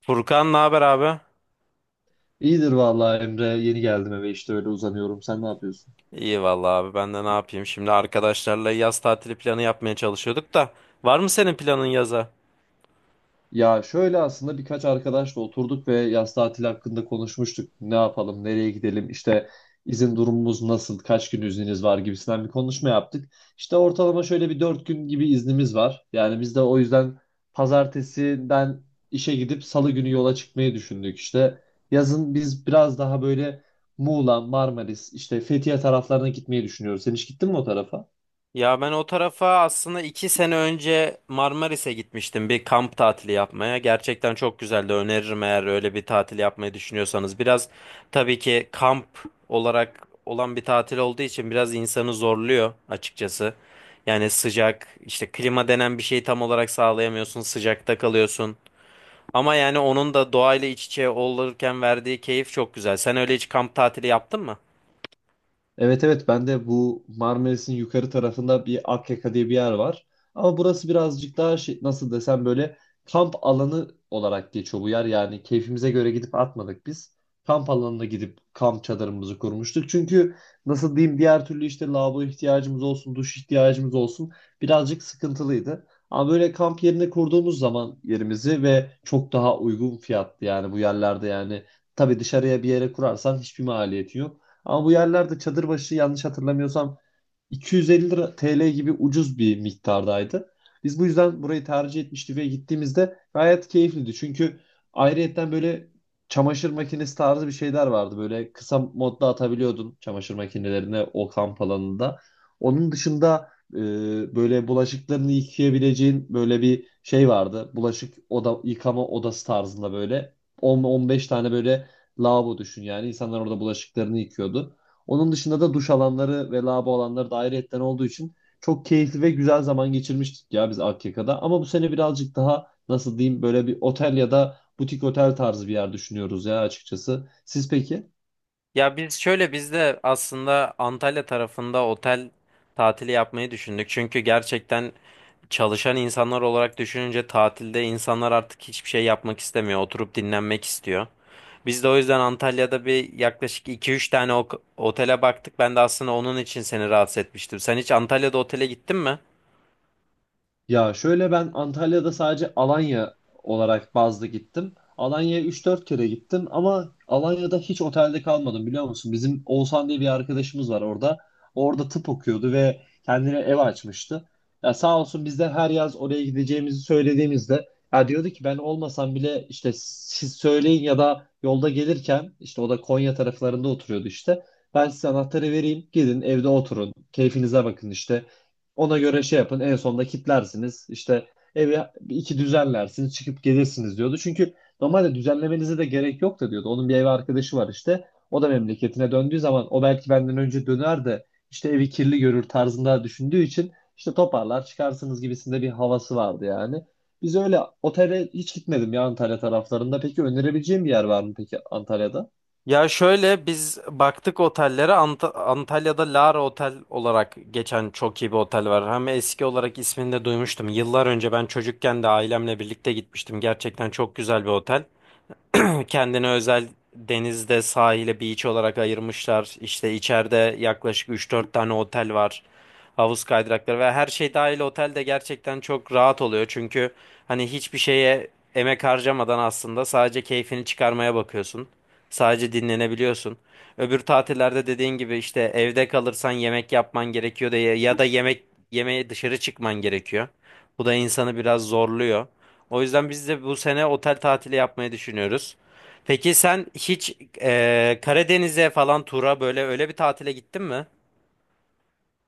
Furkan, ne haber abi? İyidir vallahi Emre. Yeni geldim eve, işte öyle uzanıyorum. Sen ne yapıyorsun? İyi vallahi abi, ben de ne yapayım? Şimdi arkadaşlarla yaz tatili planı yapmaya çalışıyorduk da var mı senin planın yaza? Ya şöyle, aslında birkaç arkadaşla oturduk ve yaz tatili hakkında konuşmuştuk. Ne yapalım, nereye gidelim, işte izin durumumuz nasıl, kaç gün izniniz var gibisinden bir konuşma yaptık. İşte ortalama şöyle bir 4 gün gibi iznimiz var. Yani biz de o yüzden pazartesiden işe gidip salı günü yola çıkmayı düşündük işte. Yazın biz biraz daha böyle Muğla, Marmaris, işte Fethiye taraflarına gitmeyi düşünüyoruz. Sen hiç gittin mi o tarafa? Ya ben o tarafa aslında iki sene önce Marmaris'e gitmiştim bir kamp tatili yapmaya. Gerçekten çok güzeldi. Öneririm eğer öyle bir tatil yapmayı düşünüyorsanız. Biraz tabii ki kamp olarak olan bir tatil olduğu için biraz insanı zorluyor açıkçası. Yani sıcak, işte klima denen bir şeyi tam olarak sağlayamıyorsun. Sıcakta kalıyorsun. Ama yani onun da doğayla iç içe olurken verdiği keyif çok güzel. Sen öyle hiç kamp tatili yaptın mı? Evet, evet, ben de bu Marmaris'in yukarı tarafında bir Akyaka diye bir yer var. Ama burası birazcık daha şey, nasıl desem, böyle kamp alanı olarak geçiyor bu yer. Yani keyfimize göre gidip atmadık biz. Kamp alanına gidip kamp çadırımızı kurmuştuk. Çünkü nasıl diyeyim, diğer türlü işte lavabo ihtiyacımız olsun, duş ihtiyacımız olsun, birazcık sıkıntılıydı. Ama böyle kamp yerine kurduğumuz zaman yerimizi ve çok daha uygun fiyatlı, yani bu yerlerde, yani tabii dışarıya bir yere kurarsan hiçbir maliyeti yok. Ama bu yerlerde çadır başı, yanlış hatırlamıyorsam, 250 lira TL gibi ucuz bir miktardaydı. Biz bu yüzden burayı tercih etmiştik ve gittiğimizde gayet keyifliydi. Çünkü ayrıyetten böyle çamaşır makinesi tarzı bir şeyler vardı. Böyle kısa modda atabiliyordun çamaşır makinelerine o kamp alanında. Onun dışında böyle bulaşıklarını yıkayabileceğin böyle bir şey vardı. Bulaşık oda, yıkama odası tarzında böyle 10-15 tane böyle lavabo düşün yani. İnsanlar orada bulaşıklarını yıkıyordu. Onun dışında da duş alanları ve lavabo alanları da ayrıyetten olduğu için çok keyifli ve güzel zaman geçirmiştik ya biz Akyaka'da. Ama bu sene birazcık daha, nasıl diyeyim, böyle bir otel ya da butik otel tarzı bir yer düşünüyoruz ya açıkçası. Siz peki? Ya biz şöyle biz de aslında Antalya tarafında otel tatili yapmayı düşündük. Çünkü gerçekten çalışan insanlar olarak düşününce tatilde insanlar artık hiçbir şey yapmak istemiyor. Oturup dinlenmek istiyor. Biz de o yüzden Antalya'da bir yaklaşık iki üç tane otele baktık. Ben de aslında onun için seni rahatsız etmiştim. Sen hiç Antalya'da otele gittin mi? Ya şöyle, ben Antalya'da sadece Alanya olarak bazlı gittim. Alanya'ya 3-4 kere gittim, ama Alanya'da hiç otelde kalmadım, biliyor musun? Bizim Oğuzhan diye bir arkadaşımız var orada. Orada tıp okuyordu ve kendine ev açmıştı. Ya sağ olsun, biz de her yaz oraya gideceğimizi söylediğimizde ya diyordu ki, ben olmasam bile işte siz söyleyin, ya da yolda gelirken, işte o da Konya taraflarında oturuyordu işte. Ben size anahtarı vereyim. Gidin evde oturun. Keyfinize bakın işte. Ona göre şey yapın. En sonunda kitlersiniz. İşte evi bir iki düzenlersiniz, çıkıp gelirsiniz diyordu. Çünkü normalde düzenlemenize de gerek yok da diyordu. Onun bir ev arkadaşı var işte. O da memleketine döndüğü zaman, o belki benden önce döner de işte evi kirli görür tarzında düşündüğü için işte toparlar çıkarsınız gibisinde bir havası vardı yani. Biz öyle otele hiç gitmedim ya Antalya taraflarında. Peki önerebileceğim bir yer var mı peki Antalya'da? Ya şöyle biz baktık otellere Antalya'da Lara Otel olarak geçen çok iyi bir otel var. Hem eski olarak ismini de duymuştum. Yıllar önce ben çocukken de ailemle birlikte gitmiştim. Gerçekten çok güzel bir otel. Kendine özel denizde sahile beach olarak ayırmışlar. İşte içeride yaklaşık üç dört tane otel var. Havuz kaydırakları ve her şey dahil otel de gerçekten çok rahat oluyor. Çünkü hani hiçbir şeye emek harcamadan aslında sadece keyfini çıkarmaya bakıyorsun. Sadece dinlenebiliyorsun. Öbür tatillerde dediğin gibi işte evde kalırsan yemek yapman gerekiyor da ya ya da yemek yemeye dışarı çıkman gerekiyor. Bu da insanı biraz zorluyor. O yüzden biz de bu sene otel tatili yapmayı düşünüyoruz. Peki sen hiç Karadeniz'e falan tura böyle öyle bir tatile gittin mi?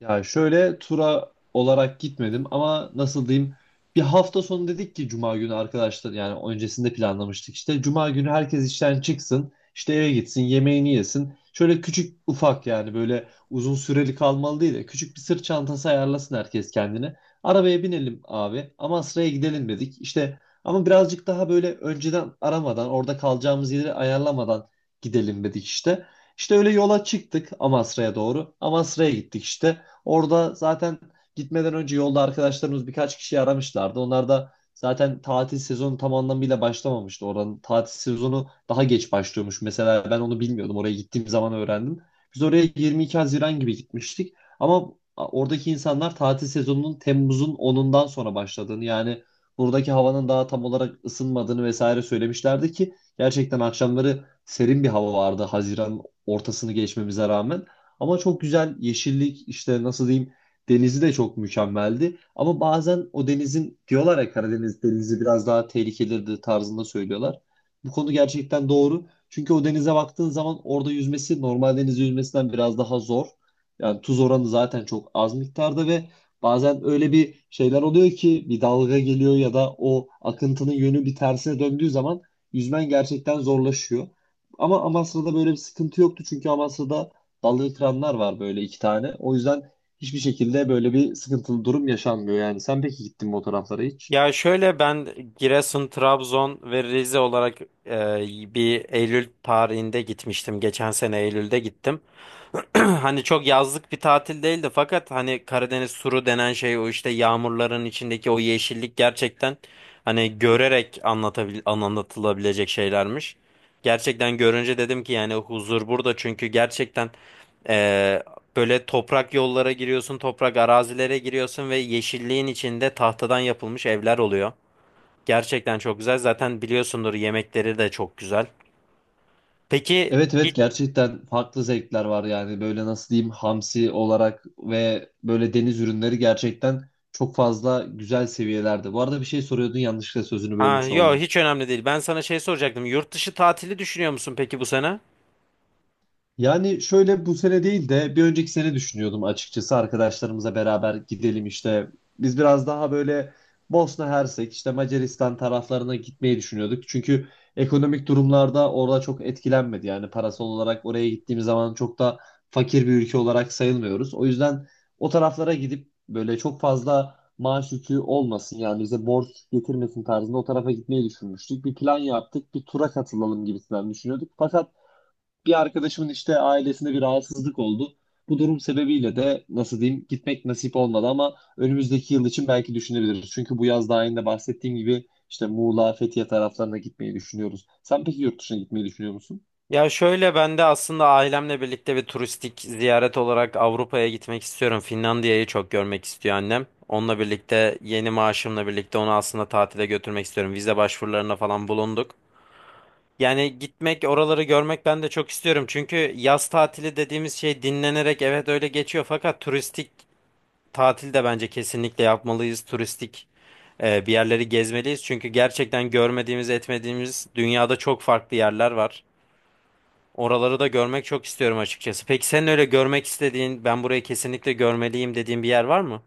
Ya şöyle, tura olarak gitmedim, ama nasıl diyeyim, bir hafta sonu dedik ki cuma günü arkadaşlar, yani öncesinde planlamıştık işte, cuma günü herkes işten çıksın işte, eve gitsin yemeğini yesin, şöyle küçük ufak yani böyle uzun süreli kalmalı değil de küçük bir sırt çantası ayarlasın herkes kendine, arabaya binelim abi ama Asraya gidelim dedik işte, ama birazcık daha böyle önceden aramadan, orada kalacağımız yeri ayarlamadan gidelim dedik işte. İşte öyle yola çıktık Amasra'ya doğru. Amasra'ya gittik işte. Orada zaten gitmeden önce yolda arkadaşlarımız birkaç kişi aramışlardı. Onlar da zaten tatil sezonu tam anlamıyla başlamamıştı. Oranın tatil sezonu daha geç başlıyormuş. Mesela ben onu bilmiyordum. Oraya gittiğim zaman öğrendim. Biz oraya 22 Haziran gibi gitmiştik. Ama oradaki insanlar tatil sezonunun Temmuz'un 10'undan sonra başladığını, yani buradaki havanın daha tam olarak ısınmadığını vesaire söylemişlerdi ki gerçekten akşamları serin bir hava vardı, Haziran ortasını geçmemize rağmen. Ama çok güzel yeşillik işte, nasıl diyeyim, denizi de çok mükemmeldi. Ama bazen o denizin, diyorlar ya, Karadeniz denizi biraz daha tehlikelidir tarzında söylüyorlar. Bu konu gerçekten doğru. Çünkü o denize baktığın zaman orada yüzmesi normal deniz yüzmesinden biraz daha zor. Yani tuz oranı zaten çok az miktarda ve bazen öyle bir şeyler oluyor ki, bir dalga geliyor ya da o akıntının yönü bir tersine döndüğü zaman yüzmen gerçekten zorlaşıyor. Ama Amasra'da böyle bir sıkıntı yoktu, çünkü Amasra'da dalga kıranlar var böyle 2 tane. O yüzden hiçbir şekilde böyle bir sıkıntılı durum yaşanmıyor yani. Sen peki gittin mi o taraflara hiç? Ya şöyle ben Giresun, Trabzon ve Rize olarak e, bir Eylül tarihinde gitmiştim. Geçen sene Eylül'de gittim. Hani çok yazlık bir tatil değildi, fakat hani Karadeniz turu denen şey o işte yağmurların içindeki o yeşillik gerçekten hani görerek anlatılabilecek şeylermiş. Gerçekten görünce dedim ki yani huzur burada, çünkü gerçekten Ee, böyle toprak yollara giriyorsun, toprak arazilere giriyorsun ve yeşilliğin içinde tahtadan yapılmış evler oluyor. Gerçekten çok güzel. Zaten biliyorsundur, yemekleri de çok güzel. Peki Evet, evet, hiç, gerçekten farklı zevkler var yani, böyle nasıl diyeyim, hamsi olarak ve böyle deniz ürünleri gerçekten çok fazla güzel seviyelerde. Bu arada bir şey soruyordun, yanlışlıkla sözünü ha, bölmüş yo, oldum. hiç önemli değil. Ben sana şey soracaktım. Yurt dışı tatili düşünüyor musun peki bu sene? Yani şöyle bu sene değil de bir önceki sene düşünüyordum açıkçası, arkadaşlarımıza beraber gidelim işte. Biz biraz daha böyle Bosna Hersek, işte Macaristan taraflarına gitmeyi düşünüyorduk. Çünkü ekonomik durumlarda orada çok etkilenmedi. Yani parasal olarak oraya gittiğimiz zaman çok da fakir bir ülke olarak sayılmıyoruz. O yüzden o taraflara gidip böyle çok fazla maaş yükü olmasın, yani bize borç getirmesin tarzında o tarafa gitmeyi düşünmüştük. Bir plan yaptık, bir tura katılalım gibisinden düşünüyorduk. Fakat bir arkadaşımın işte ailesinde bir rahatsızlık oldu. Bu durum sebebiyle de, nasıl diyeyim, gitmek nasip olmadı, ama önümüzdeki yıl için belki düşünebiliriz. Çünkü bu yaz, daha önce bahsettiğim gibi, işte Muğla, Fethiye taraflarına gitmeyi düşünüyoruz. Sen peki yurt dışına gitmeyi düşünüyor musun? Ya şöyle ben de aslında ailemle birlikte bir turistik ziyaret olarak Avrupa'ya gitmek istiyorum. Finlandiya'yı çok görmek istiyor annem. Onunla birlikte yeni maaşımla birlikte onu aslında tatile götürmek istiyorum. Vize başvurularına falan bulunduk. Yani gitmek, oraları görmek ben de çok istiyorum. Çünkü yaz tatili dediğimiz şey dinlenerek evet öyle geçiyor. Fakat turistik tatil de bence kesinlikle yapmalıyız. Turistik bir yerleri gezmeliyiz. Çünkü gerçekten görmediğimiz, etmediğimiz dünyada çok farklı yerler var. Oraları da görmek çok istiyorum açıkçası. Peki sen öyle görmek istediğin, ben burayı kesinlikle görmeliyim dediğin bir yer var mı?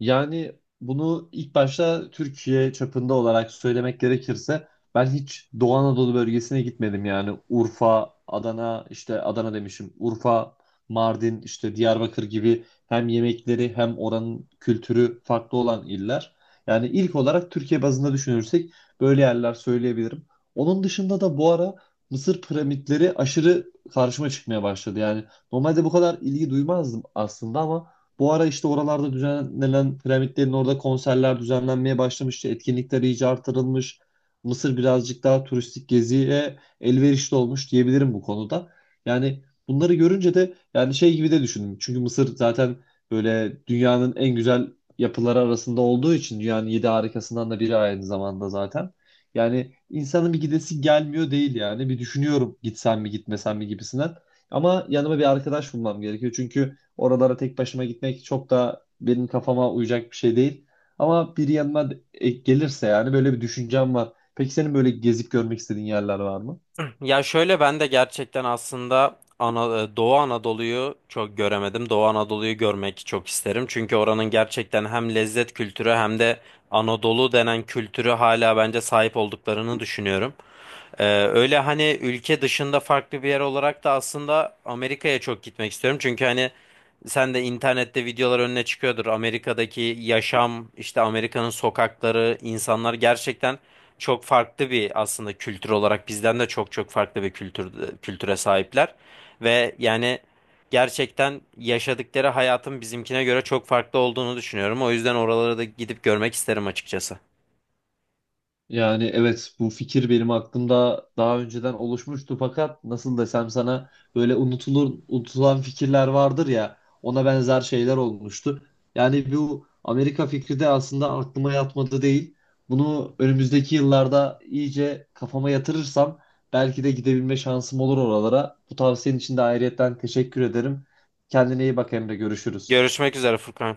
Yani bunu ilk başta Türkiye çapında olarak söylemek gerekirse, ben hiç Doğu Anadolu bölgesine gitmedim. Yani Urfa, Adana, işte Adana demişim. Urfa, Mardin, işte Diyarbakır gibi hem yemekleri hem oranın kültürü farklı olan iller. Yani ilk olarak Türkiye bazında düşünürsek böyle yerler söyleyebilirim. Onun dışında da bu ara Mısır piramitleri aşırı karşıma çıkmaya başladı. Yani normalde bu kadar ilgi duymazdım aslında, ama bu ara işte oralarda düzenlenen piramitlerin orada konserler düzenlenmeye başlamış. İşte etkinlikler iyice artırılmış. Mısır birazcık daha turistik geziye elverişli olmuş diyebilirim bu konuda. Yani bunları görünce de yani şey gibi de düşündüm. Çünkü Mısır zaten böyle dünyanın en güzel yapıları arasında olduğu için dünyanın yedi harikasından da biri aynı zamanda zaten. Yani insanın bir gidesi gelmiyor değil yani. Bir düşünüyorum, gitsem mi gitmesem mi gibisinden. Ama yanıma bir arkadaş bulmam gerekiyor. Çünkü oralara tek başıma gitmek çok da benim kafama uyacak bir şey değil. Ama biri yanıma gelirse yani böyle bir düşüncem var. Peki senin böyle gezip görmek istediğin yerler var mı? Ya şöyle ben de gerçekten aslında Doğu Anadolu'yu çok göremedim. Doğu Anadolu'yu görmek çok isterim. Çünkü oranın gerçekten hem lezzet kültürü hem de Anadolu denen kültürü hala bence sahip olduklarını düşünüyorum. Öyle hani ülke dışında farklı bir yer olarak da aslında Amerika'ya çok gitmek istiyorum. Çünkü hani sen de internette videolar önüne çıkıyordur. Amerika'daki yaşam, işte Amerika'nın sokakları, insanlar gerçekten çok farklı bir aslında kültür olarak bizden de çok çok farklı bir kültüre sahipler. Ve yani gerçekten yaşadıkları hayatın bizimkine göre çok farklı olduğunu düşünüyorum. O yüzden oralara da gidip görmek isterim açıkçası. Yani evet, bu fikir benim aklımda daha önceden oluşmuştu, fakat nasıl desem sana, böyle unutulur unutulan fikirler vardır ya, ona benzer şeyler olmuştu. Yani bu Amerika fikri de aslında aklıma yatmadı değil. Bunu önümüzdeki yıllarda iyice kafama yatırırsam belki de gidebilme şansım olur oralara. Bu tavsiyenin için de ayrıyetten teşekkür ederim. Kendine iyi bak Emre, görüşürüz. Görüşmek üzere Furkan.